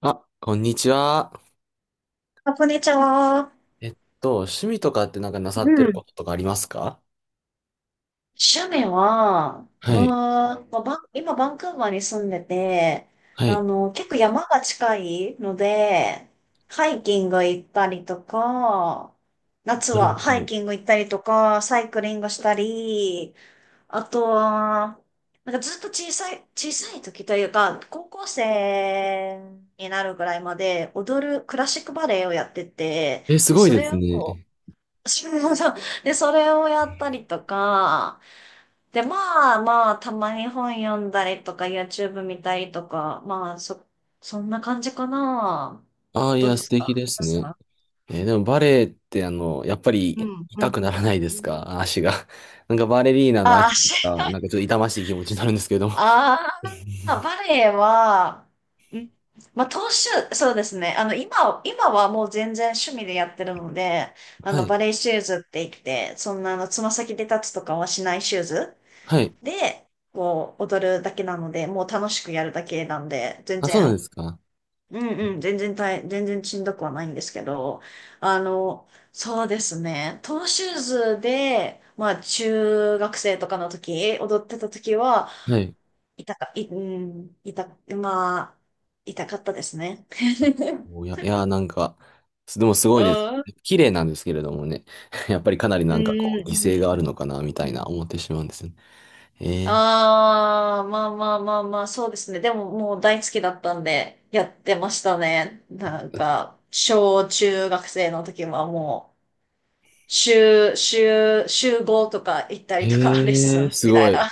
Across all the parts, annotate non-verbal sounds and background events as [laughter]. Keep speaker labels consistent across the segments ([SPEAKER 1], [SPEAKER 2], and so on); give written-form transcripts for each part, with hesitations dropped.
[SPEAKER 1] あ、こんにちは。
[SPEAKER 2] あこんにちは。
[SPEAKER 1] えっ趣味とかってなんかなさ
[SPEAKER 2] う
[SPEAKER 1] ってる
[SPEAKER 2] ん。
[SPEAKER 1] こととかありますか？
[SPEAKER 2] 趣味は、
[SPEAKER 1] はい。
[SPEAKER 2] まあバンクーバーに住んでて、
[SPEAKER 1] はい。
[SPEAKER 2] あの、結構山が近いので、ハイキング行ったりとか、夏
[SPEAKER 1] なるほ
[SPEAKER 2] はハイ
[SPEAKER 1] ど。
[SPEAKER 2] キング行ったりとか、サイクリングしたり、あとは、なんかずっと小さい時というか、高校生になるぐらいまで踊るクラシックバレエをやってて、
[SPEAKER 1] え、す
[SPEAKER 2] で、
[SPEAKER 1] ごい
[SPEAKER 2] そ
[SPEAKER 1] で
[SPEAKER 2] れ
[SPEAKER 1] す
[SPEAKER 2] を
[SPEAKER 1] ね。
[SPEAKER 2] [laughs] そうそう。で、それをやったりとか、で、まあまあ、たまに本読んだりとか、YouTube 見たりとか、そんな感じかな。
[SPEAKER 1] ああ、い
[SPEAKER 2] どう
[SPEAKER 1] や、
[SPEAKER 2] で
[SPEAKER 1] 素
[SPEAKER 2] すか？
[SPEAKER 1] 敵
[SPEAKER 2] あ
[SPEAKER 1] で
[SPEAKER 2] り
[SPEAKER 1] す
[SPEAKER 2] ます
[SPEAKER 1] ね。
[SPEAKER 2] か？
[SPEAKER 1] でもバレエってやっぱ
[SPEAKER 2] う
[SPEAKER 1] り
[SPEAKER 2] んう
[SPEAKER 1] 痛
[SPEAKER 2] ん。
[SPEAKER 1] くならないで
[SPEAKER 2] う
[SPEAKER 1] す
[SPEAKER 2] ん。
[SPEAKER 1] か、足が。[laughs] なんかバレリーナの足
[SPEAKER 2] あし、
[SPEAKER 1] が、なんかちょっと痛ましい気持ちになるんですけど。
[SPEAKER 2] ああ、バレエは、うん、まあ、当主、そうですね。今はもう全然趣味でやってるので、あ
[SPEAKER 1] は
[SPEAKER 2] の、
[SPEAKER 1] い。
[SPEAKER 2] バレエシューズって言って、そんな、あの、つま先で立つとかはしないシューズ
[SPEAKER 1] はい。
[SPEAKER 2] で、こう、踊るだけなので、もう楽しくやるだけなんで、
[SPEAKER 1] あ、そうなんですか？
[SPEAKER 2] うんうん、全然しんどくはないんですけど、あの、そうですね、トーシューズで、まあ、中学生とかの時、踊ってた時は、
[SPEAKER 1] はい。
[SPEAKER 2] 痛か、い、うん、まあ、痛かったですね。[laughs]
[SPEAKER 1] おいや、いや、なんか、でもすご
[SPEAKER 2] う
[SPEAKER 1] いです
[SPEAKER 2] ん、う
[SPEAKER 1] ね。
[SPEAKER 2] ん、
[SPEAKER 1] 綺麗なんですけれどもね。[laughs] やっぱりかなり
[SPEAKER 2] う
[SPEAKER 1] なんかこう、犠牲がある
[SPEAKER 2] ん、
[SPEAKER 1] のかな、み
[SPEAKER 2] う
[SPEAKER 1] たいな
[SPEAKER 2] ん。
[SPEAKER 1] 思ってしまうんですよね。えー
[SPEAKER 2] まあまあまあまあ、そうですね。でももう大好きだったんで、やってましたね。なんか、小中学生の時はもう、週5とか行ったりとか、レッス
[SPEAKER 1] へえ、
[SPEAKER 2] ン
[SPEAKER 1] す
[SPEAKER 2] みた
[SPEAKER 1] ご
[SPEAKER 2] い
[SPEAKER 1] い。
[SPEAKER 2] な。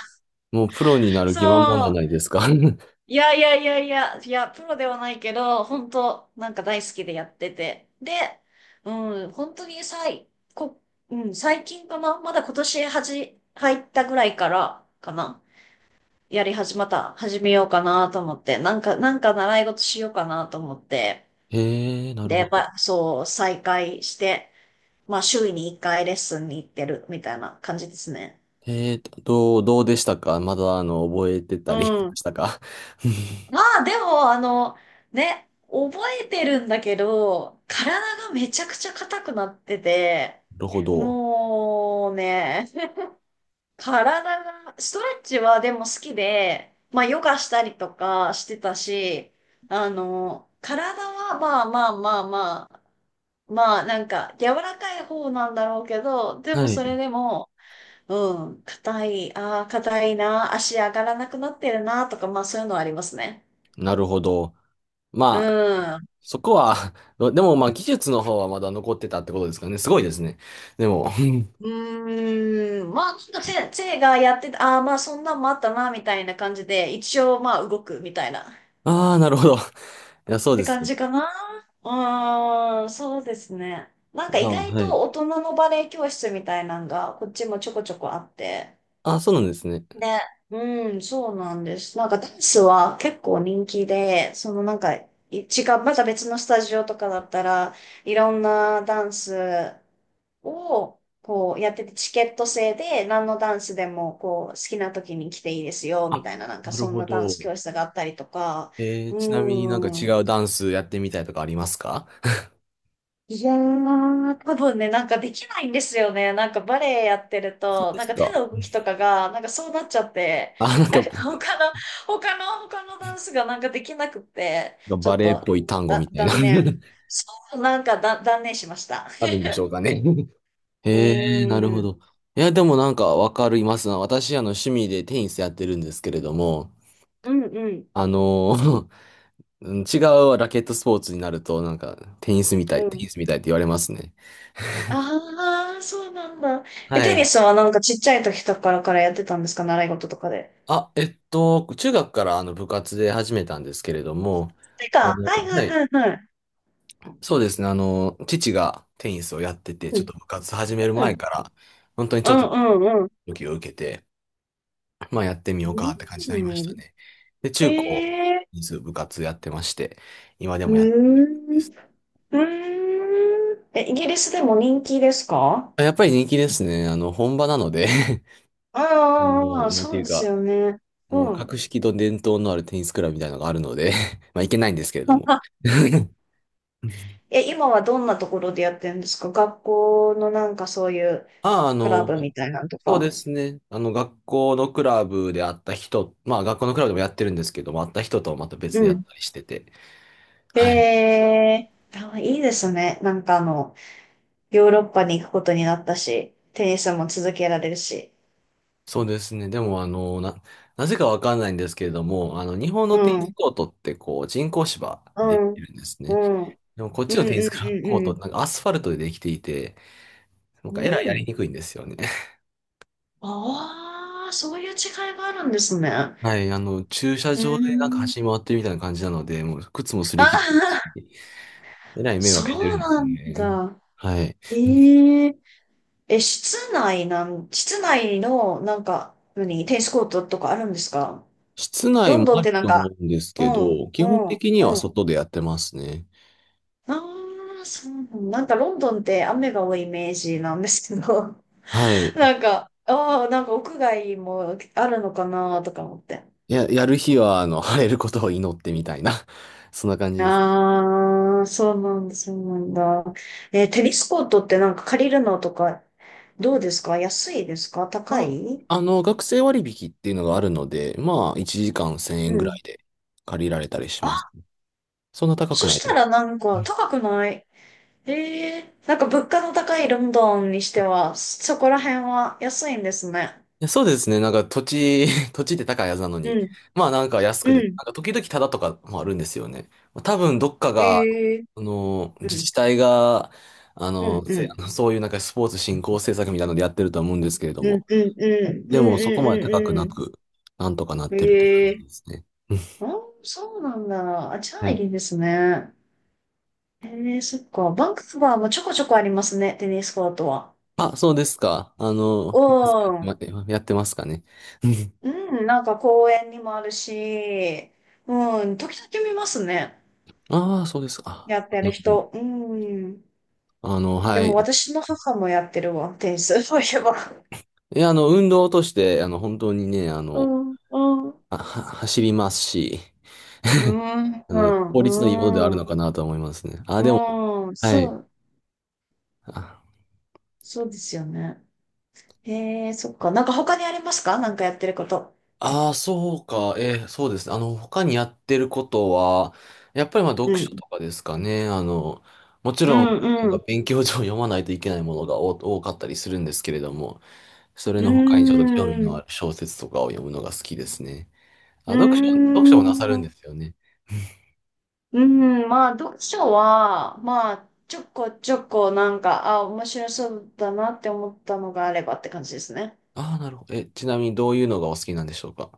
[SPEAKER 1] もうプロになる気満
[SPEAKER 2] そ
[SPEAKER 1] 々じゃな
[SPEAKER 2] う。
[SPEAKER 1] いですか。[laughs]
[SPEAKER 2] いや、プロではないけど、本当なんか大好きでやってて。で、うん、本当に最、こ、うん、最近かなまだ今年入ったぐらいからかな、やり始また、始めようかなと思って、なんか習い事しようかなと思って、
[SPEAKER 1] へえ、なる
[SPEAKER 2] で、やっ
[SPEAKER 1] ほど。
[SPEAKER 2] ぱ、そう、再開して、まあ、週に1回レッスンに行ってるみたいな感じですね。
[SPEAKER 1] へえーと、どうでしたか？まだ、覚えてた
[SPEAKER 2] う
[SPEAKER 1] りしま
[SPEAKER 2] ん。
[SPEAKER 1] したか？ [laughs]
[SPEAKER 2] まあ、でも、あの、ね、覚えてるんだけど、体がめちゃくちゃ硬くなってて、
[SPEAKER 1] なるほど。
[SPEAKER 2] もうね、体が、ストレッチはでも好きで、まあヨガしたりとかしてたし、あの、体はまあまあまあまあ、まあなんか柔らかい方なんだろうけど、で
[SPEAKER 1] は
[SPEAKER 2] もそれ
[SPEAKER 1] い。
[SPEAKER 2] でも、うん、硬いな、足上がらなくなってるな、とか、まあそういうのはありますね。
[SPEAKER 1] なるほど。
[SPEAKER 2] う
[SPEAKER 1] まあ、
[SPEAKER 2] ん。
[SPEAKER 1] そこは、[laughs] でもまあ、技術の方はまだ残ってたってことですかね。すごいですね。でも、[laughs]
[SPEAKER 2] まあ、ちょっとせ、せいがやってた、ああ、まあ、そんなんもあったな、みたいな感じで、一応、まあ、動く、みたいな。
[SPEAKER 1] ああ、なるほど。いや、そう
[SPEAKER 2] て
[SPEAKER 1] です。
[SPEAKER 2] 感じかな。うーん、そうですね。なん
[SPEAKER 1] い
[SPEAKER 2] か
[SPEAKER 1] や、
[SPEAKER 2] 意外
[SPEAKER 1] は
[SPEAKER 2] と
[SPEAKER 1] い。
[SPEAKER 2] 大人のバレエ教室みたいなのがこっちもちょこちょこあって。
[SPEAKER 1] あ、そうなんですね。
[SPEAKER 2] で、うん、そうなんです。なんかダンスは結構人気で、そのなんかい違う、また別のスタジオとかだったらいろんなダンスをこうやっててチケット制で何のダンスでもこう好きな時に来ていいですよみ
[SPEAKER 1] あ、
[SPEAKER 2] たいななんか
[SPEAKER 1] なる
[SPEAKER 2] そん
[SPEAKER 1] ほ
[SPEAKER 2] なダン
[SPEAKER 1] ど。
[SPEAKER 2] ス教室があったりとか、う
[SPEAKER 1] ちなみになんか違
[SPEAKER 2] ん、
[SPEAKER 1] うダンスやってみたいとかありますか？
[SPEAKER 2] いやー、多分ね、なんかできないんですよね。なんかバレエやってる
[SPEAKER 1] そう
[SPEAKER 2] と、
[SPEAKER 1] で
[SPEAKER 2] なん
[SPEAKER 1] す
[SPEAKER 2] か手
[SPEAKER 1] か。
[SPEAKER 2] の動きとかが、なんかそうなっちゃって、
[SPEAKER 1] あ、なん
[SPEAKER 2] な
[SPEAKER 1] か、
[SPEAKER 2] んか [laughs] 他のダンスがなんかできなくて、ちょ
[SPEAKER 1] バ
[SPEAKER 2] っ
[SPEAKER 1] レエっ
[SPEAKER 2] と、
[SPEAKER 1] ぽい単語み
[SPEAKER 2] だ、
[SPEAKER 1] たいな
[SPEAKER 2] 断
[SPEAKER 1] [laughs]
[SPEAKER 2] 念。そう、なんかだ、断念しました。[laughs]
[SPEAKER 1] あるんでしょうかね。[laughs]
[SPEAKER 2] う
[SPEAKER 1] へえ、なるほ
[SPEAKER 2] ーん、
[SPEAKER 1] ど。いや、でもなんかわかりますな。私、趣味でテニスやってるんですけれども、
[SPEAKER 2] うん、うん、
[SPEAKER 1] あの [laughs] うん、違うラケットスポーツになると、なんか、テニスみた
[SPEAKER 2] う
[SPEAKER 1] い、テ
[SPEAKER 2] ん。
[SPEAKER 1] ニスみたいって言われますね。
[SPEAKER 2] ああ、そうなんだ。え、
[SPEAKER 1] は
[SPEAKER 2] テニ
[SPEAKER 1] い。
[SPEAKER 2] スはなんかちっちゃい時とかからやってたんですか？習い事とかで。
[SPEAKER 1] あ、中学からあの部活で始めたんですけれども、
[SPEAKER 2] てか、はいは
[SPEAKER 1] は
[SPEAKER 2] い
[SPEAKER 1] い。
[SPEAKER 2] はいはい。
[SPEAKER 1] そうですね。父がテニスをやってて、
[SPEAKER 2] う
[SPEAKER 1] ちょっ
[SPEAKER 2] ん、
[SPEAKER 1] と部活始める
[SPEAKER 2] う
[SPEAKER 1] 前
[SPEAKER 2] ん、
[SPEAKER 1] から、本当に
[SPEAKER 2] う
[SPEAKER 1] ちょっと、
[SPEAKER 2] ん、うん、
[SPEAKER 1] 時を受けて、まあやってみようかって感じになり
[SPEAKER 2] う
[SPEAKER 1] ました
[SPEAKER 2] ん。
[SPEAKER 1] ね。で、中高、
[SPEAKER 2] で、
[SPEAKER 1] テニス部活やってまして、今で
[SPEAKER 2] うー
[SPEAKER 1] もやってま
[SPEAKER 2] ん、う
[SPEAKER 1] す。
[SPEAKER 2] ーん。え、イギリスでも人気ですか？
[SPEAKER 1] やっぱり人気ですね。本場なので
[SPEAKER 2] あ
[SPEAKER 1] [laughs]
[SPEAKER 2] あ、あ
[SPEAKER 1] も
[SPEAKER 2] あ
[SPEAKER 1] う、なんて
[SPEAKER 2] そ
[SPEAKER 1] い
[SPEAKER 2] う
[SPEAKER 1] う
[SPEAKER 2] です
[SPEAKER 1] か、
[SPEAKER 2] よね。
[SPEAKER 1] も
[SPEAKER 2] う
[SPEAKER 1] う
[SPEAKER 2] ん。
[SPEAKER 1] 格式と伝統のあるテニスクラブみたいなのがあるので [laughs] まあいけないんですけれども。
[SPEAKER 2] [laughs]
[SPEAKER 1] [laughs]
[SPEAKER 2] え、今はどんなところでやってるんですか？学校のなんかそういう
[SPEAKER 1] ああ、
[SPEAKER 2] クラブみたいなのと
[SPEAKER 1] そうで
[SPEAKER 2] か。
[SPEAKER 1] すね。学校のクラブで会った人、まあ、学校のクラブでもやってるんですけども、会った人とはまた別
[SPEAKER 2] う
[SPEAKER 1] でやっ
[SPEAKER 2] ん。
[SPEAKER 1] たりしてて。はい。
[SPEAKER 2] えー、あいいですね。なんかあの、ヨーロッパに行くことになったし、テニスも続けられるし。
[SPEAKER 1] そうですね。でも、なぜかわかんないんですけれども、日本
[SPEAKER 2] う
[SPEAKER 1] のテニス
[SPEAKER 2] ん、
[SPEAKER 1] コートって、こう、人工芝
[SPEAKER 2] う
[SPEAKER 1] ででき
[SPEAKER 2] ん、
[SPEAKER 1] てるんです
[SPEAKER 2] う
[SPEAKER 1] ね。
[SPEAKER 2] ん、うん、
[SPEAKER 1] でも、こっ
[SPEAKER 2] う
[SPEAKER 1] ちのテニス
[SPEAKER 2] ん、
[SPEAKER 1] コー
[SPEAKER 2] う
[SPEAKER 1] トっ
[SPEAKER 2] ん、
[SPEAKER 1] て、なんかアスファルトでできていて、なん
[SPEAKER 2] う
[SPEAKER 1] か、
[SPEAKER 2] ん。
[SPEAKER 1] えらい
[SPEAKER 2] う
[SPEAKER 1] やりに
[SPEAKER 2] ん。
[SPEAKER 1] くいんですよね。[laughs]
[SPEAKER 2] ああ、そういう違いがあるんですね。
[SPEAKER 1] はい。[laughs] 駐車
[SPEAKER 2] うー
[SPEAKER 1] 場でなんか
[SPEAKER 2] ん。
[SPEAKER 1] 走り回ってるみたいな感じなので、もう、靴も擦
[SPEAKER 2] あ
[SPEAKER 1] り切ってるし、
[SPEAKER 2] あ、
[SPEAKER 1] えらい迷惑してる
[SPEAKER 2] そう
[SPEAKER 1] んです
[SPEAKER 2] な
[SPEAKER 1] よ
[SPEAKER 2] ん
[SPEAKER 1] ね。
[SPEAKER 2] だ。
[SPEAKER 1] はい。
[SPEAKER 2] ええ。え、室内の、テニスコートとかあるんですか？
[SPEAKER 1] 室内
[SPEAKER 2] ロン
[SPEAKER 1] も
[SPEAKER 2] ドン
[SPEAKER 1] あ
[SPEAKER 2] っ
[SPEAKER 1] る
[SPEAKER 2] てなん
[SPEAKER 1] と
[SPEAKER 2] か、
[SPEAKER 1] 思うんです
[SPEAKER 2] う
[SPEAKER 1] け
[SPEAKER 2] ん、
[SPEAKER 1] ど、基
[SPEAKER 2] う
[SPEAKER 1] 本
[SPEAKER 2] ん、
[SPEAKER 1] 的には
[SPEAKER 2] うん。
[SPEAKER 1] 外でやってますね。
[SPEAKER 2] ああ、そうなんなんかロンドンって雨が多いイメージなんですけど、
[SPEAKER 1] は
[SPEAKER 2] [laughs]
[SPEAKER 1] い。
[SPEAKER 2] なんか、ああ、なんか屋外もあるのかなとか思って。
[SPEAKER 1] やる日は、[laughs] 晴れることを祈ってみたいな、[laughs] そんな感じです。
[SPEAKER 2] ああ、そうなんだ、そうなんだ。えー、テニスコートってなんか借りるのとか、どうですか？安いですか？高
[SPEAKER 1] ま
[SPEAKER 2] い？
[SPEAKER 1] あ、学生割引っていうのがあるので、まあ、1時間1000
[SPEAKER 2] う
[SPEAKER 1] 円ぐら
[SPEAKER 2] ん。
[SPEAKER 1] いで借りられたりします。
[SPEAKER 2] あ、
[SPEAKER 1] そんな高く
[SPEAKER 2] そ
[SPEAKER 1] な
[SPEAKER 2] した
[SPEAKER 1] い。
[SPEAKER 2] らなんか高くない？ええー、なんか物価の高いロンドンにしては、そこら辺は安いんですね。
[SPEAKER 1] や、そうですね。なんか土地、[laughs] 土地って高いはずなの
[SPEAKER 2] う
[SPEAKER 1] に。
[SPEAKER 2] ん、
[SPEAKER 1] まあなんか安く
[SPEAKER 2] う
[SPEAKER 1] で、なん
[SPEAKER 2] ん。
[SPEAKER 1] か時々タダとかもあるんですよね。多分どっかが、
[SPEAKER 2] ええ。う
[SPEAKER 1] 自
[SPEAKER 2] ん、
[SPEAKER 1] 治体が、あ
[SPEAKER 2] うん、
[SPEAKER 1] の、
[SPEAKER 2] う
[SPEAKER 1] せ
[SPEAKER 2] ん、
[SPEAKER 1] あのそういうなんかスポーツ振興政策みたいなのでやってるとは思うんですけれど
[SPEAKER 2] うん、
[SPEAKER 1] も。
[SPEAKER 2] うん、うん、う
[SPEAKER 1] でもそこまで高く
[SPEAKER 2] ん、う
[SPEAKER 1] な
[SPEAKER 2] ん、
[SPEAKER 1] く、なんとかなっ
[SPEAKER 2] うん。
[SPEAKER 1] てるって感
[SPEAKER 2] ええ。
[SPEAKER 1] じですね。[laughs] うん。
[SPEAKER 2] あ、そうなんだ。あ、じゃ
[SPEAKER 1] は
[SPEAKER 2] あ
[SPEAKER 1] い。
[SPEAKER 2] いいですね。えー、そっか。バンクーバーもちょこちょこありますね、テニスコートは。
[SPEAKER 1] あ、そうですか。
[SPEAKER 2] うん。
[SPEAKER 1] やってますかね。[laughs]
[SPEAKER 2] うん、なんか公園にもあるし、うん、時々見ますね。
[SPEAKER 1] ああー、そうですか。
[SPEAKER 2] やってる人。うん。で
[SPEAKER 1] は
[SPEAKER 2] も
[SPEAKER 1] い。
[SPEAKER 2] 私の母もやってるわ、テニス、そういえば。
[SPEAKER 1] いや、運動として、本当にね、
[SPEAKER 2] うん、うん。
[SPEAKER 1] 走りますし、
[SPEAKER 2] うん、
[SPEAKER 1] 法律のいいものではある
[SPEAKER 2] うん、
[SPEAKER 1] のかなと思いますね。あ、でも、
[SPEAKER 2] うん、
[SPEAKER 1] はい。あ
[SPEAKER 2] そうですよね。へえ、そっか。なんか他にありますか？なんかやってること。
[SPEAKER 1] あー、そうか。そうですね。他にやってることは、やっぱりまあ読
[SPEAKER 2] う
[SPEAKER 1] 書
[SPEAKER 2] ん。
[SPEAKER 1] とかですかね。もち
[SPEAKER 2] う
[SPEAKER 1] ろん、
[SPEAKER 2] ん、
[SPEAKER 1] な
[SPEAKER 2] う
[SPEAKER 1] ん
[SPEAKER 2] ん。う
[SPEAKER 1] か勉強上読まないといけないものが多かったりするんですけれども、それ
[SPEAKER 2] ー
[SPEAKER 1] の他にちょっと興味のあ
[SPEAKER 2] ん。
[SPEAKER 1] る小説とかを読むのが好きですね。あ、
[SPEAKER 2] う
[SPEAKER 1] 読書、
[SPEAKER 2] ー
[SPEAKER 1] 読書もなさるん
[SPEAKER 2] ん。
[SPEAKER 1] ですよね。
[SPEAKER 2] うん、まあ読書は、まあちょこちょこなんか、あ、面白そうだなって思ったのがあればって感じですね。
[SPEAKER 1] ああ、なるほど。え、ちなみにどういうのがお好きなんでしょうか？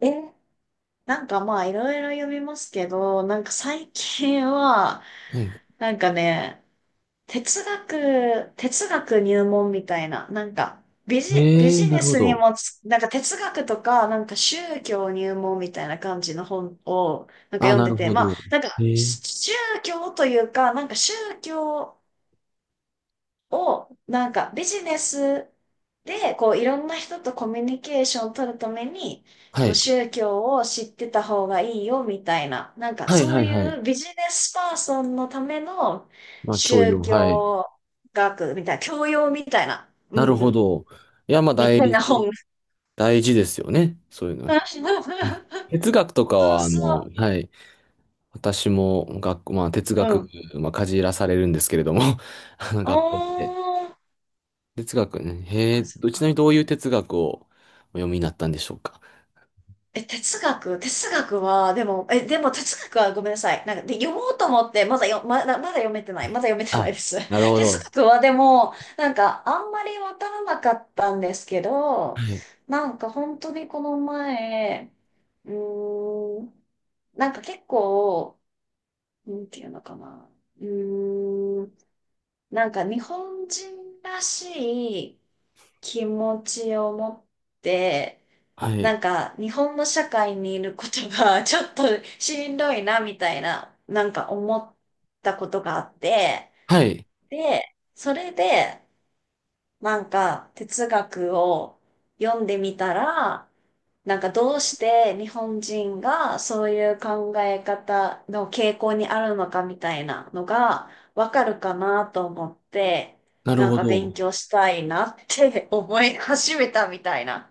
[SPEAKER 2] え、なんかまあいろいろ読みますけど、なんか最近は、
[SPEAKER 1] はい。
[SPEAKER 2] なんかね、哲学入門みたいな、ビジ
[SPEAKER 1] な
[SPEAKER 2] ネ
[SPEAKER 1] るほ
[SPEAKER 2] スに
[SPEAKER 1] ど。
[SPEAKER 2] もつ、なんか哲学とか、なんか宗教入門みたいな感じの本を、なんか
[SPEAKER 1] ああ、
[SPEAKER 2] 読ん
[SPEAKER 1] な
[SPEAKER 2] で
[SPEAKER 1] る
[SPEAKER 2] て、
[SPEAKER 1] ほ
[SPEAKER 2] まあ、
[SPEAKER 1] ど。
[SPEAKER 2] なんか
[SPEAKER 1] ええ。
[SPEAKER 2] 宗教というか、なんか宗教、を、なんかビジネスで、こういろんな人とコミュニケーションを取るために、
[SPEAKER 1] は
[SPEAKER 2] こう
[SPEAKER 1] い。
[SPEAKER 2] 宗教を知ってた方がいいよみたいな、なんか
[SPEAKER 1] はい、
[SPEAKER 2] そ
[SPEAKER 1] は
[SPEAKER 2] う
[SPEAKER 1] い、はい。
[SPEAKER 2] いうビジネスパーソンのための
[SPEAKER 1] まあ、教
[SPEAKER 2] 宗
[SPEAKER 1] 養。はい。
[SPEAKER 2] 教学みたいな、教養みたいな、う
[SPEAKER 1] なる
[SPEAKER 2] んう
[SPEAKER 1] ほ
[SPEAKER 2] ん、
[SPEAKER 1] ど。いや、まあ、
[SPEAKER 2] み
[SPEAKER 1] 大
[SPEAKER 2] たいな本。
[SPEAKER 1] 事、大事ですよね。そういうのは。うん。
[SPEAKER 2] [laughs]
[SPEAKER 1] 哲学とか
[SPEAKER 2] そう
[SPEAKER 1] は、
[SPEAKER 2] そ
[SPEAKER 1] はい。私も学校、まあ、哲
[SPEAKER 2] う、う
[SPEAKER 1] 学、
[SPEAKER 2] ん。
[SPEAKER 1] まあ、かじらされるんですけれども、[laughs] 学校で。
[SPEAKER 2] おー、
[SPEAKER 1] 哲学ね。へえ、
[SPEAKER 2] あ、そっ
[SPEAKER 1] ちなみに
[SPEAKER 2] か。
[SPEAKER 1] どういう哲学をお読みになったんでしょうか？
[SPEAKER 2] え、哲学は、でも、え、でも哲学はごめんなさい。なんか、で、読もうと思って、まだよ、まだ、まだ読めてない。まだ読めてない
[SPEAKER 1] あ、
[SPEAKER 2] です。
[SPEAKER 1] なる
[SPEAKER 2] [laughs]
[SPEAKER 1] ほ
[SPEAKER 2] 哲
[SPEAKER 1] ど。
[SPEAKER 2] 学はでも、なんか、あんまりわからなかったんですけど、
[SPEAKER 1] はい。
[SPEAKER 2] なんか本当にこの前、うーん、なんか結構、なんていうのかな。うーん、なんか日本人らしい、気持ちを持って、
[SPEAKER 1] はい。
[SPEAKER 2] なんか日本の社会にいることが [laughs] ちょっとしんどいなみたいな、なんか思ったことがあって、
[SPEAKER 1] はい。
[SPEAKER 2] で、それで、なんか哲学を読んでみたら、なんかどうして日本人がそういう考え方の傾向にあるのかみたいなのがわかるかなと思って、
[SPEAKER 1] なる
[SPEAKER 2] なん
[SPEAKER 1] ほ
[SPEAKER 2] か勉
[SPEAKER 1] ど。
[SPEAKER 2] 強したいなって [laughs] 思い始めたみたいな。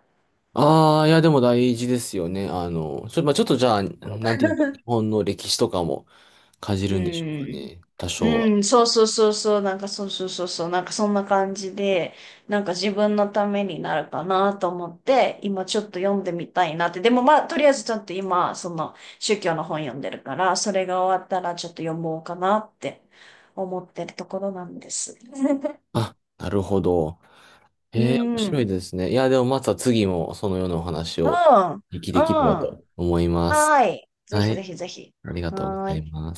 [SPEAKER 1] ああ、いや、でも大事ですよね。まあ、ちょっとじゃあ、なんていうか、日本の歴史とかもかじ
[SPEAKER 2] う
[SPEAKER 1] るんでしょうか
[SPEAKER 2] ん。
[SPEAKER 1] ね。多少は。
[SPEAKER 2] うん、そうそうそうそう、なんかそうそうそうそう、なんかそんな感じで、なんか自分のためになるかなと思って、今ちょっと読んでみたいなって。でもまあ、とりあえずちょっと今、その宗教の本読んでるから、それが終わったらちょっと読もうかなって思ってるところなんです。
[SPEAKER 1] あ、なるほど。
[SPEAKER 2] う
[SPEAKER 1] ええ、面
[SPEAKER 2] ん、う
[SPEAKER 1] 白い
[SPEAKER 2] ん、
[SPEAKER 1] ですね。いや、でもまた次もそのようなお話をでき
[SPEAKER 2] う
[SPEAKER 1] できれば
[SPEAKER 2] ん。
[SPEAKER 1] と思います。
[SPEAKER 2] はい。ぜ
[SPEAKER 1] は
[SPEAKER 2] ひぜ
[SPEAKER 1] い。
[SPEAKER 2] ひぜひ。
[SPEAKER 1] ありが
[SPEAKER 2] は
[SPEAKER 1] とうござい
[SPEAKER 2] ーい。
[SPEAKER 1] ます。